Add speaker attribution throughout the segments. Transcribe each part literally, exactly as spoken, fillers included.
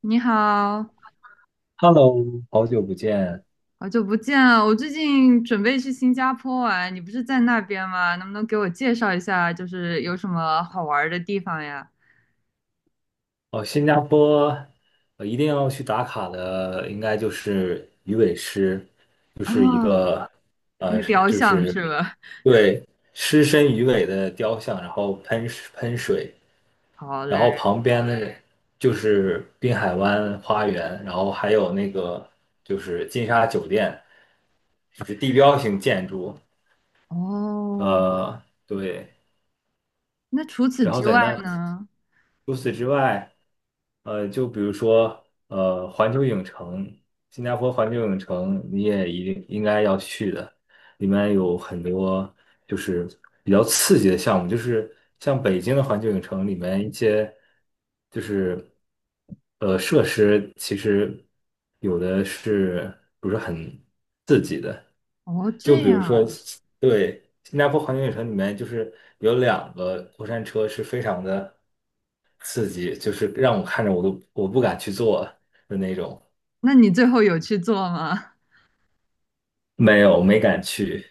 Speaker 1: 你好，
Speaker 2: Hello，好久不见。
Speaker 1: 好久不见啊！我最近准备去新加坡玩，你不是在那边吗？能不能给我介绍一下，就是有什么好玩儿的地方呀？
Speaker 2: 哦，新加坡，呃，一定要去打卡的，应该就是鱼尾狮，就
Speaker 1: 啊，
Speaker 2: 是一个，
Speaker 1: 那
Speaker 2: 呃，
Speaker 1: 个雕
Speaker 2: 就
Speaker 1: 像
Speaker 2: 是
Speaker 1: 是吧？
Speaker 2: 对狮身鱼尾的雕像，然后喷喷水，
Speaker 1: 好
Speaker 2: 然
Speaker 1: 嘞。
Speaker 2: 后旁边的就是滨海湾花园，然后还有那个就是金沙酒店，就是地标性建筑。
Speaker 1: 哦，
Speaker 2: 呃，对，
Speaker 1: 那除此
Speaker 2: 然后
Speaker 1: 之
Speaker 2: 在
Speaker 1: 外
Speaker 2: 那
Speaker 1: 呢？
Speaker 2: 除此之外。呃，就比如说，呃，环球影城，新加坡环球影城，你也一定应该要去的。里面有很多就是比较刺激的项目，就是像北京的环球影城里面一些就是呃设施，其实有的是不是很刺激的，
Speaker 1: 哦，
Speaker 2: 就
Speaker 1: 这
Speaker 2: 比如说，
Speaker 1: 样，
Speaker 2: 对，新加坡环球影城里面就是有两个过山车是非常的刺激，就是让我看着我都我不敢去坐的那种。
Speaker 1: 那你最后有去做吗？
Speaker 2: 没有，没敢去，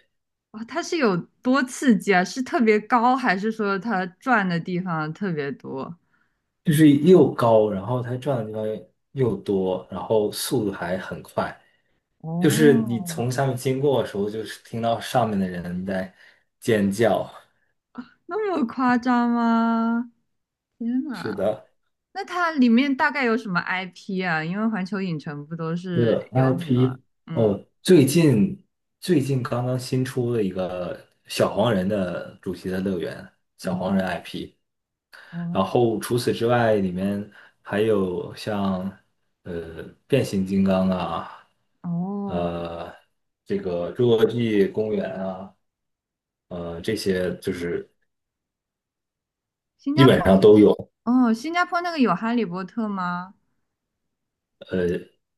Speaker 1: 哇，它是有多刺激啊？是特别高，还是说它转的地方特别多？
Speaker 2: 就是又高，然后它转的地方又多，然后速度还很快。就是你
Speaker 1: 哦，
Speaker 2: 从下面经过的时候，就是听到上面的人在尖叫。
Speaker 1: 那么夸张吗？天
Speaker 2: 是
Speaker 1: 呐！
Speaker 2: 的。
Speaker 1: 那它里面大概有什么 I P 啊？因为环球影城不都是
Speaker 2: 的
Speaker 1: 有很多，
Speaker 2: I P
Speaker 1: 嗯，
Speaker 2: 哦，最近最近刚刚新出了一个小黄人的主题的乐园，小黄人
Speaker 1: 哦
Speaker 2: I P。然
Speaker 1: 哦
Speaker 2: 后除此之外，里面还有像呃变形金刚啊，
Speaker 1: 哦，
Speaker 2: 呃这个侏罗纪公园啊，呃这些就是
Speaker 1: 新
Speaker 2: 基
Speaker 1: 加
Speaker 2: 本
Speaker 1: 坡
Speaker 2: 上都有。
Speaker 1: 哦，新加坡那个有哈利波特吗？
Speaker 2: 呃，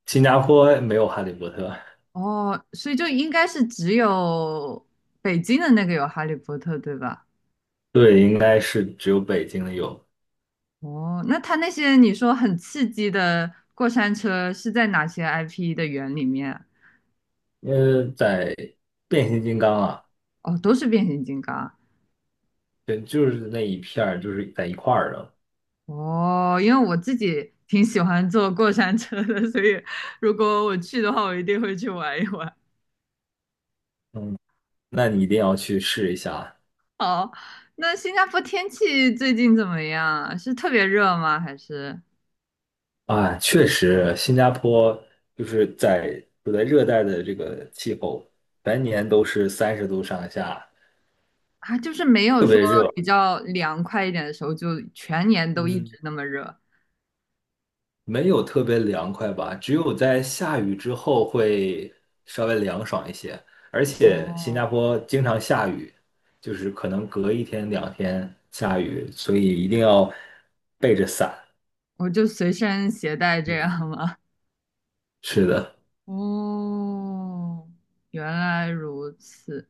Speaker 2: 新加坡没有哈利波特，
Speaker 1: 哦，所以就应该是只有北京的那个有哈利波特，对吧？
Speaker 2: 对，应该是只有北京有，
Speaker 1: 哦，那它那些你说很刺激的过山车是在哪些 I P 的园里面啊。
Speaker 2: 因为在。变形金刚啊，
Speaker 1: 哦，都是变形金刚。
Speaker 2: 对，就是那一片儿，就是在一块儿的，
Speaker 1: 哦，因为我自己挺喜欢坐过山车的，所以如果我去的话，我一定会去玩一玩。
Speaker 2: 那你一定要去试一下
Speaker 1: 好，那新加坡天气最近怎么样啊？是特别热吗？还是
Speaker 2: 啊！确实，新加坡就是在处在热带的这个气候，全年都是三十度上下，
Speaker 1: 啊，就是没有
Speaker 2: 特
Speaker 1: 说
Speaker 2: 别热，
Speaker 1: 比较凉快一点的时候，就全年都一
Speaker 2: 嗯，
Speaker 1: 直那么热？
Speaker 2: 没有特别凉快吧，只有在下雨之后会稍微凉爽一些。而且新
Speaker 1: 哦，
Speaker 2: 加坡经常下雨，就是可能隔一天两天下雨，所以一定要备着伞。
Speaker 1: 我就随身携带这
Speaker 2: 嗯，
Speaker 1: 样吗？
Speaker 2: 是的。
Speaker 1: 哦，原来如此。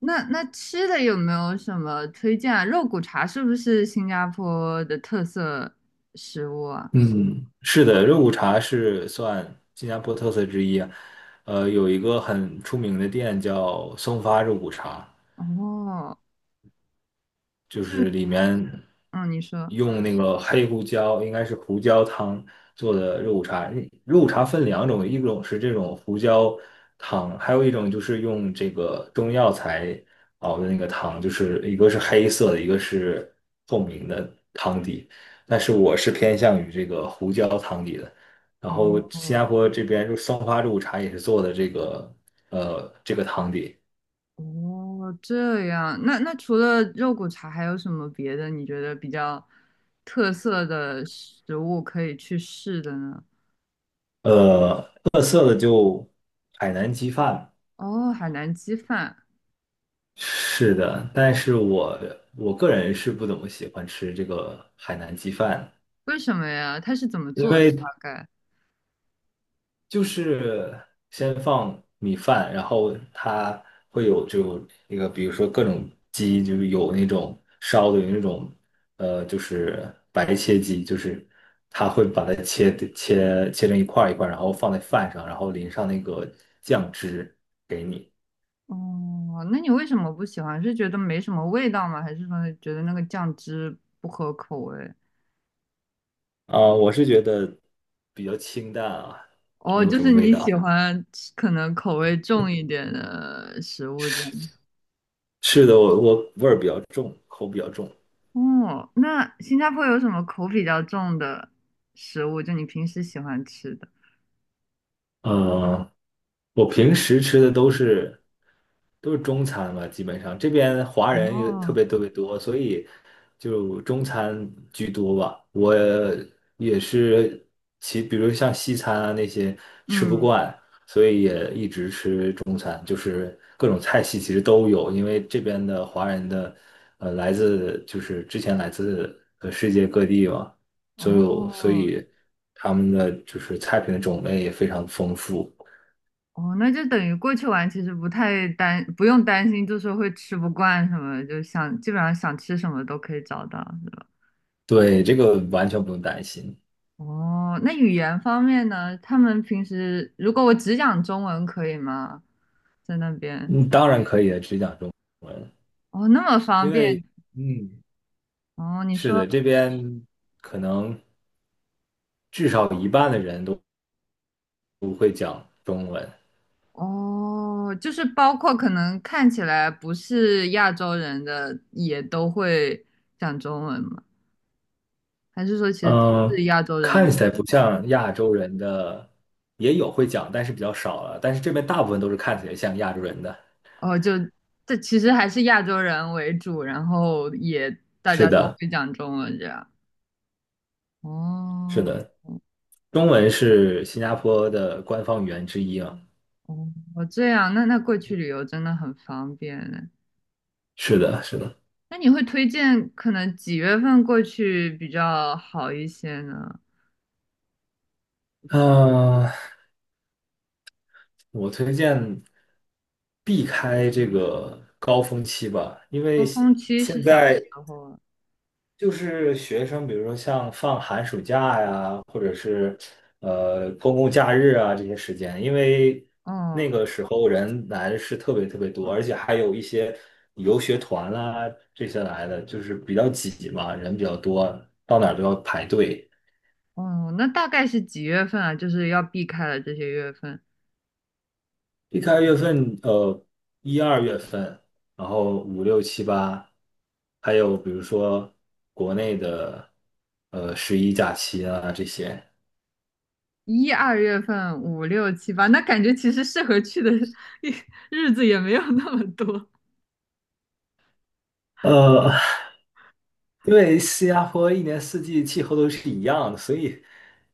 Speaker 1: 那那吃的有没有什么推荐啊？肉骨茶是不是新加坡的特色食物啊？
Speaker 2: 嗯，是的，肉骨茶是算新加坡特色之一啊呃，有一个很出名的店叫松发肉骨茶，
Speaker 1: 哦，
Speaker 2: 就
Speaker 1: 就
Speaker 2: 是里面
Speaker 1: 嗯，你说，
Speaker 2: 用那个黑胡椒，应该是胡椒汤做的肉骨茶。肉骨茶分两种，一种是这种胡椒汤，还有一种就是用这个中药材熬的那个汤，就是一个是黑色的，一个是透明的汤底。但是我是偏向于这个胡椒汤底的。然后新加
Speaker 1: 哦
Speaker 2: 坡这边就松花肉骨茶也是做的这个呃这个汤底，
Speaker 1: 哦，这样，那那除了肉骨茶，还有什么别的你觉得比较特色的食物可以去试的呢？
Speaker 2: 呃特色的就海南鸡饭。
Speaker 1: 哦，海南鸡饭，
Speaker 2: 是的，但是我我个人是不怎么喜欢吃这个海南鸡饭，
Speaker 1: 为什么呀？它是怎么
Speaker 2: 因
Speaker 1: 做的？大
Speaker 2: 为
Speaker 1: 概？
Speaker 2: 就是先放米饭，然后它会有就那个，比如说各种鸡，就是有那种烧的，有那种呃，就是白切鸡，就是它会把它切切切成一块儿一块儿，然后放在饭上，然后淋上那个酱汁给你。
Speaker 1: 哦，那你为什么不喜欢？是觉得没什么味道吗？还是说觉得那个酱汁不合口味？
Speaker 2: 啊、我是觉得比较清淡啊，没
Speaker 1: 哦，
Speaker 2: 有
Speaker 1: 就
Speaker 2: 什
Speaker 1: 是
Speaker 2: 么味
Speaker 1: 你
Speaker 2: 道。
Speaker 1: 喜欢吃可能口味重一点的食物这样。
Speaker 2: 是的，我我味儿比较重，口比较重。
Speaker 1: 哦，那新加坡有什么口比较重的食物？就你平时喜欢吃的？
Speaker 2: 嗯，我平时吃的都是，都是中餐嘛，基本上这边华人也特
Speaker 1: 哦，
Speaker 2: 别特别多，所以就中餐居多吧。我也是其，比如像西餐啊那些吃不
Speaker 1: 嗯，
Speaker 2: 惯，所以也一直吃中餐，就是各种菜系其实都有，因为这边的华人的呃来自就是之前来自呃世界各地嘛，就有所
Speaker 1: 哦，
Speaker 2: 以他们的就是菜品的种类也非常丰富。
Speaker 1: 哦，那就等于过去玩其实不太担，不用担心，就是会吃不惯什么，就想基本上想吃什么都可以找到，是吧？
Speaker 2: 对，这个完全不用担心。
Speaker 1: 哦，那语言方面呢？他们平时如果我只讲中文可以吗？在那边
Speaker 2: 嗯，当然可以的，只讲中文，
Speaker 1: 哦，那么方
Speaker 2: 因为
Speaker 1: 便
Speaker 2: 嗯，
Speaker 1: 哦。你
Speaker 2: 是
Speaker 1: 说
Speaker 2: 的，这边可能至少一半的人都不会讲中文。
Speaker 1: 哦，就是包括可能看起来不是亚洲人的也都会讲中文吗？还是说其实都
Speaker 2: 嗯，
Speaker 1: 是亚洲人为
Speaker 2: 看起
Speaker 1: 主？
Speaker 2: 来不像亚洲人的，也有会讲，但是比较少了。但是这边大部分都是看起来像亚洲人的。
Speaker 1: 哦，就这其实还是亚洲人为主，然后也大
Speaker 2: 是
Speaker 1: 家都
Speaker 2: 的，
Speaker 1: 会讲中文这样。
Speaker 2: 是
Speaker 1: 哦，
Speaker 2: 的，
Speaker 1: 哦
Speaker 2: 中文是新加坡的官方语言之一啊。
Speaker 1: 哦，哦这样，那那过去旅游真的很方便呢。
Speaker 2: 是的，是的。
Speaker 1: 那你会推荐可能几月份过去比较好一些呢？
Speaker 2: 嗯、我推荐避开这个高峰期吧，因
Speaker 1: 高
Speaker 2: 为
Speaker 1: 峰期
Speaker 2: 现
Speaker 1: 是什么
Speaker 2: 在
Speaker 1: 时候啊？
Speaker 2: 就是学生，比如说像放寒暑假呀，或者是呃公共假日啊这些时间，因为
Speaker 1: 哦
Speaker 2: 那个时候人来的是特别特别多，而且还有一些游学团啊这些来的，就是比较挤嘛，人比较多，到哪儿都要排队。
Speaker 1: 哦，那大概是几月份啊？就是要避开了这些月份，
Speaker 2: 避开月份，呃，一二月份，然后五六七八，还有比如说国内的，呃，十一假期啊这些，
Speaker 1: 一二月份、五六七八，那感觉其实适合去的 日子也没有那么多
Speaker 2: 呃，因为新加坡一年四季气候都是一样的，所以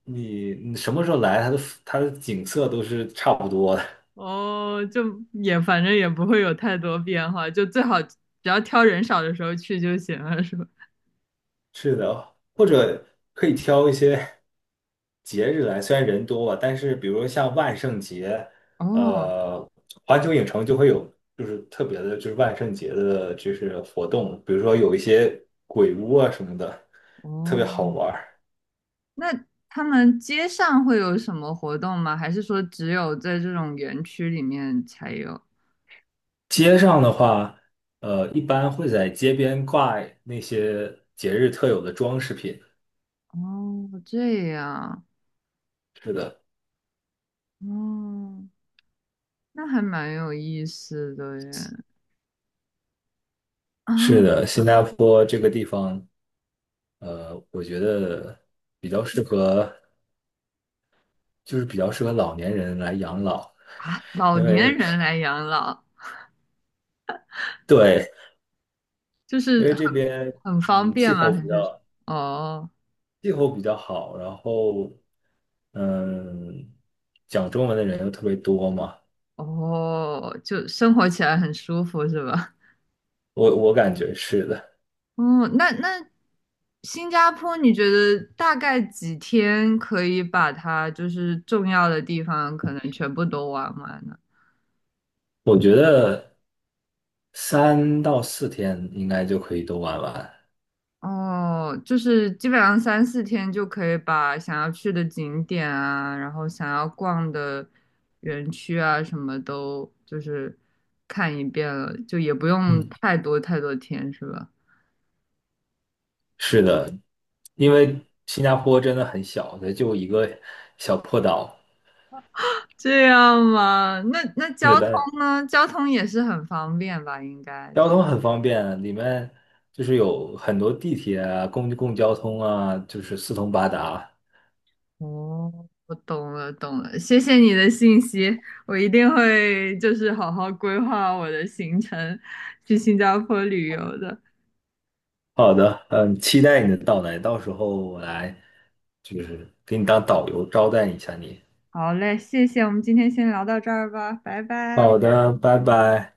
Speaker 2: 你你什么时候来，它的它的景色都是差不多的。
Speaker 1: 哦，就也反正也不会有太多变化，就最好只要挑人少的时候去就行了，是吧？
Speaker 2: 是的，或者可以挑一些。节日来，虽然人多啊，但是比如像万圣节，
Speaker 1: 哦
Speaker 2: 呃，环球影城就会有就是特别的，就是万圣节的，就是活动，比如说有一些鬼屋啊什么的，特别好
Speaker 1: 哦，
Speaker 2: 玩儿。
Speaker 1: 那他们街上会有什么活动吗？还是说只有在这种园区里面才有？
Speaker 2: 街上的话，呃，一般会在街边挂那些节日特有的装饰品。
Speaker 1: 哦，这样，
Speaker 2: 是的，
Speaker 1: 哦，那还蛮有意思的耶。啊
Speaker 2: 是的，新加坡这个地方，呃，我觉得比较适合，就是比较适合老年人来养老，
Speaker 1: 啊，老
Speaker 2: 因
Speaker 1: 年
Speaker 2: 为。
Speaker 1: 人来养老，
Speaker 2: 对。
Speaker 1: 就
Speaker 2: 因
Speaker 1: 是
Speaker 2: 为这
Speaker 1: 很
Speaker 2: 边
Speaker 1: 很方
Speaker 2: 嗯
Speaker 1: 便
Speaker 2: 气
Speaker 1: 吗？
Speaker 2: 候
Speaker 1: 还
Speaker 2: 比
Speaker 1: 是
Speaker 2: 较
Speaker 1: 哦
Speaker 2: 气候比较好，然后嗯讲中文的人又特别多嘛，
Speaker 1: 哦，就生活起来很舒服是吧？
Speaker 2: 我我感觉是的，
Speaker 1: 哦，那那新加坡，你觉得大概几天可以把它就是重要的地方可能全部都玩完呢？
Speaker 2: 我觉得三到四天应该就可以都玩完。
Speaker 1: 哦，就是基本上三四天就可以把想要去的景点啊，然后想要逛的园区啊，什么都就是看一遍了，就也不用
Speaker 2: 嗯，
Speaker 1: 太多太多天，是吧？
Speaker 2: 是的，因为新加坡真的很小，它就一个小破岛，
Speaker 1: 这样吗？那那
Speaker 2: 是
Speaker 1: 交
Speaker 2: 的，
Speaker 1: 通呢？交通也是很方便吧？应该。
Speaker 2: 交通很方便，里面就是有很多地铁啊、公公共交通啊，就是四通八达。
Speaker 1: 哦，我懂了，懂了，谢谢你的信息，我一定会就是好好规划我的行程，去新加坡旅游的。
Speaker 2: 好的，嗯，期待你的到来，到时候我来就是给你当导游招待一下你。
Speaker 1: 好嘞，谢谢，我们今天先聊到这儿吧，拜拜。
Speaker 2: 好的，拜拜。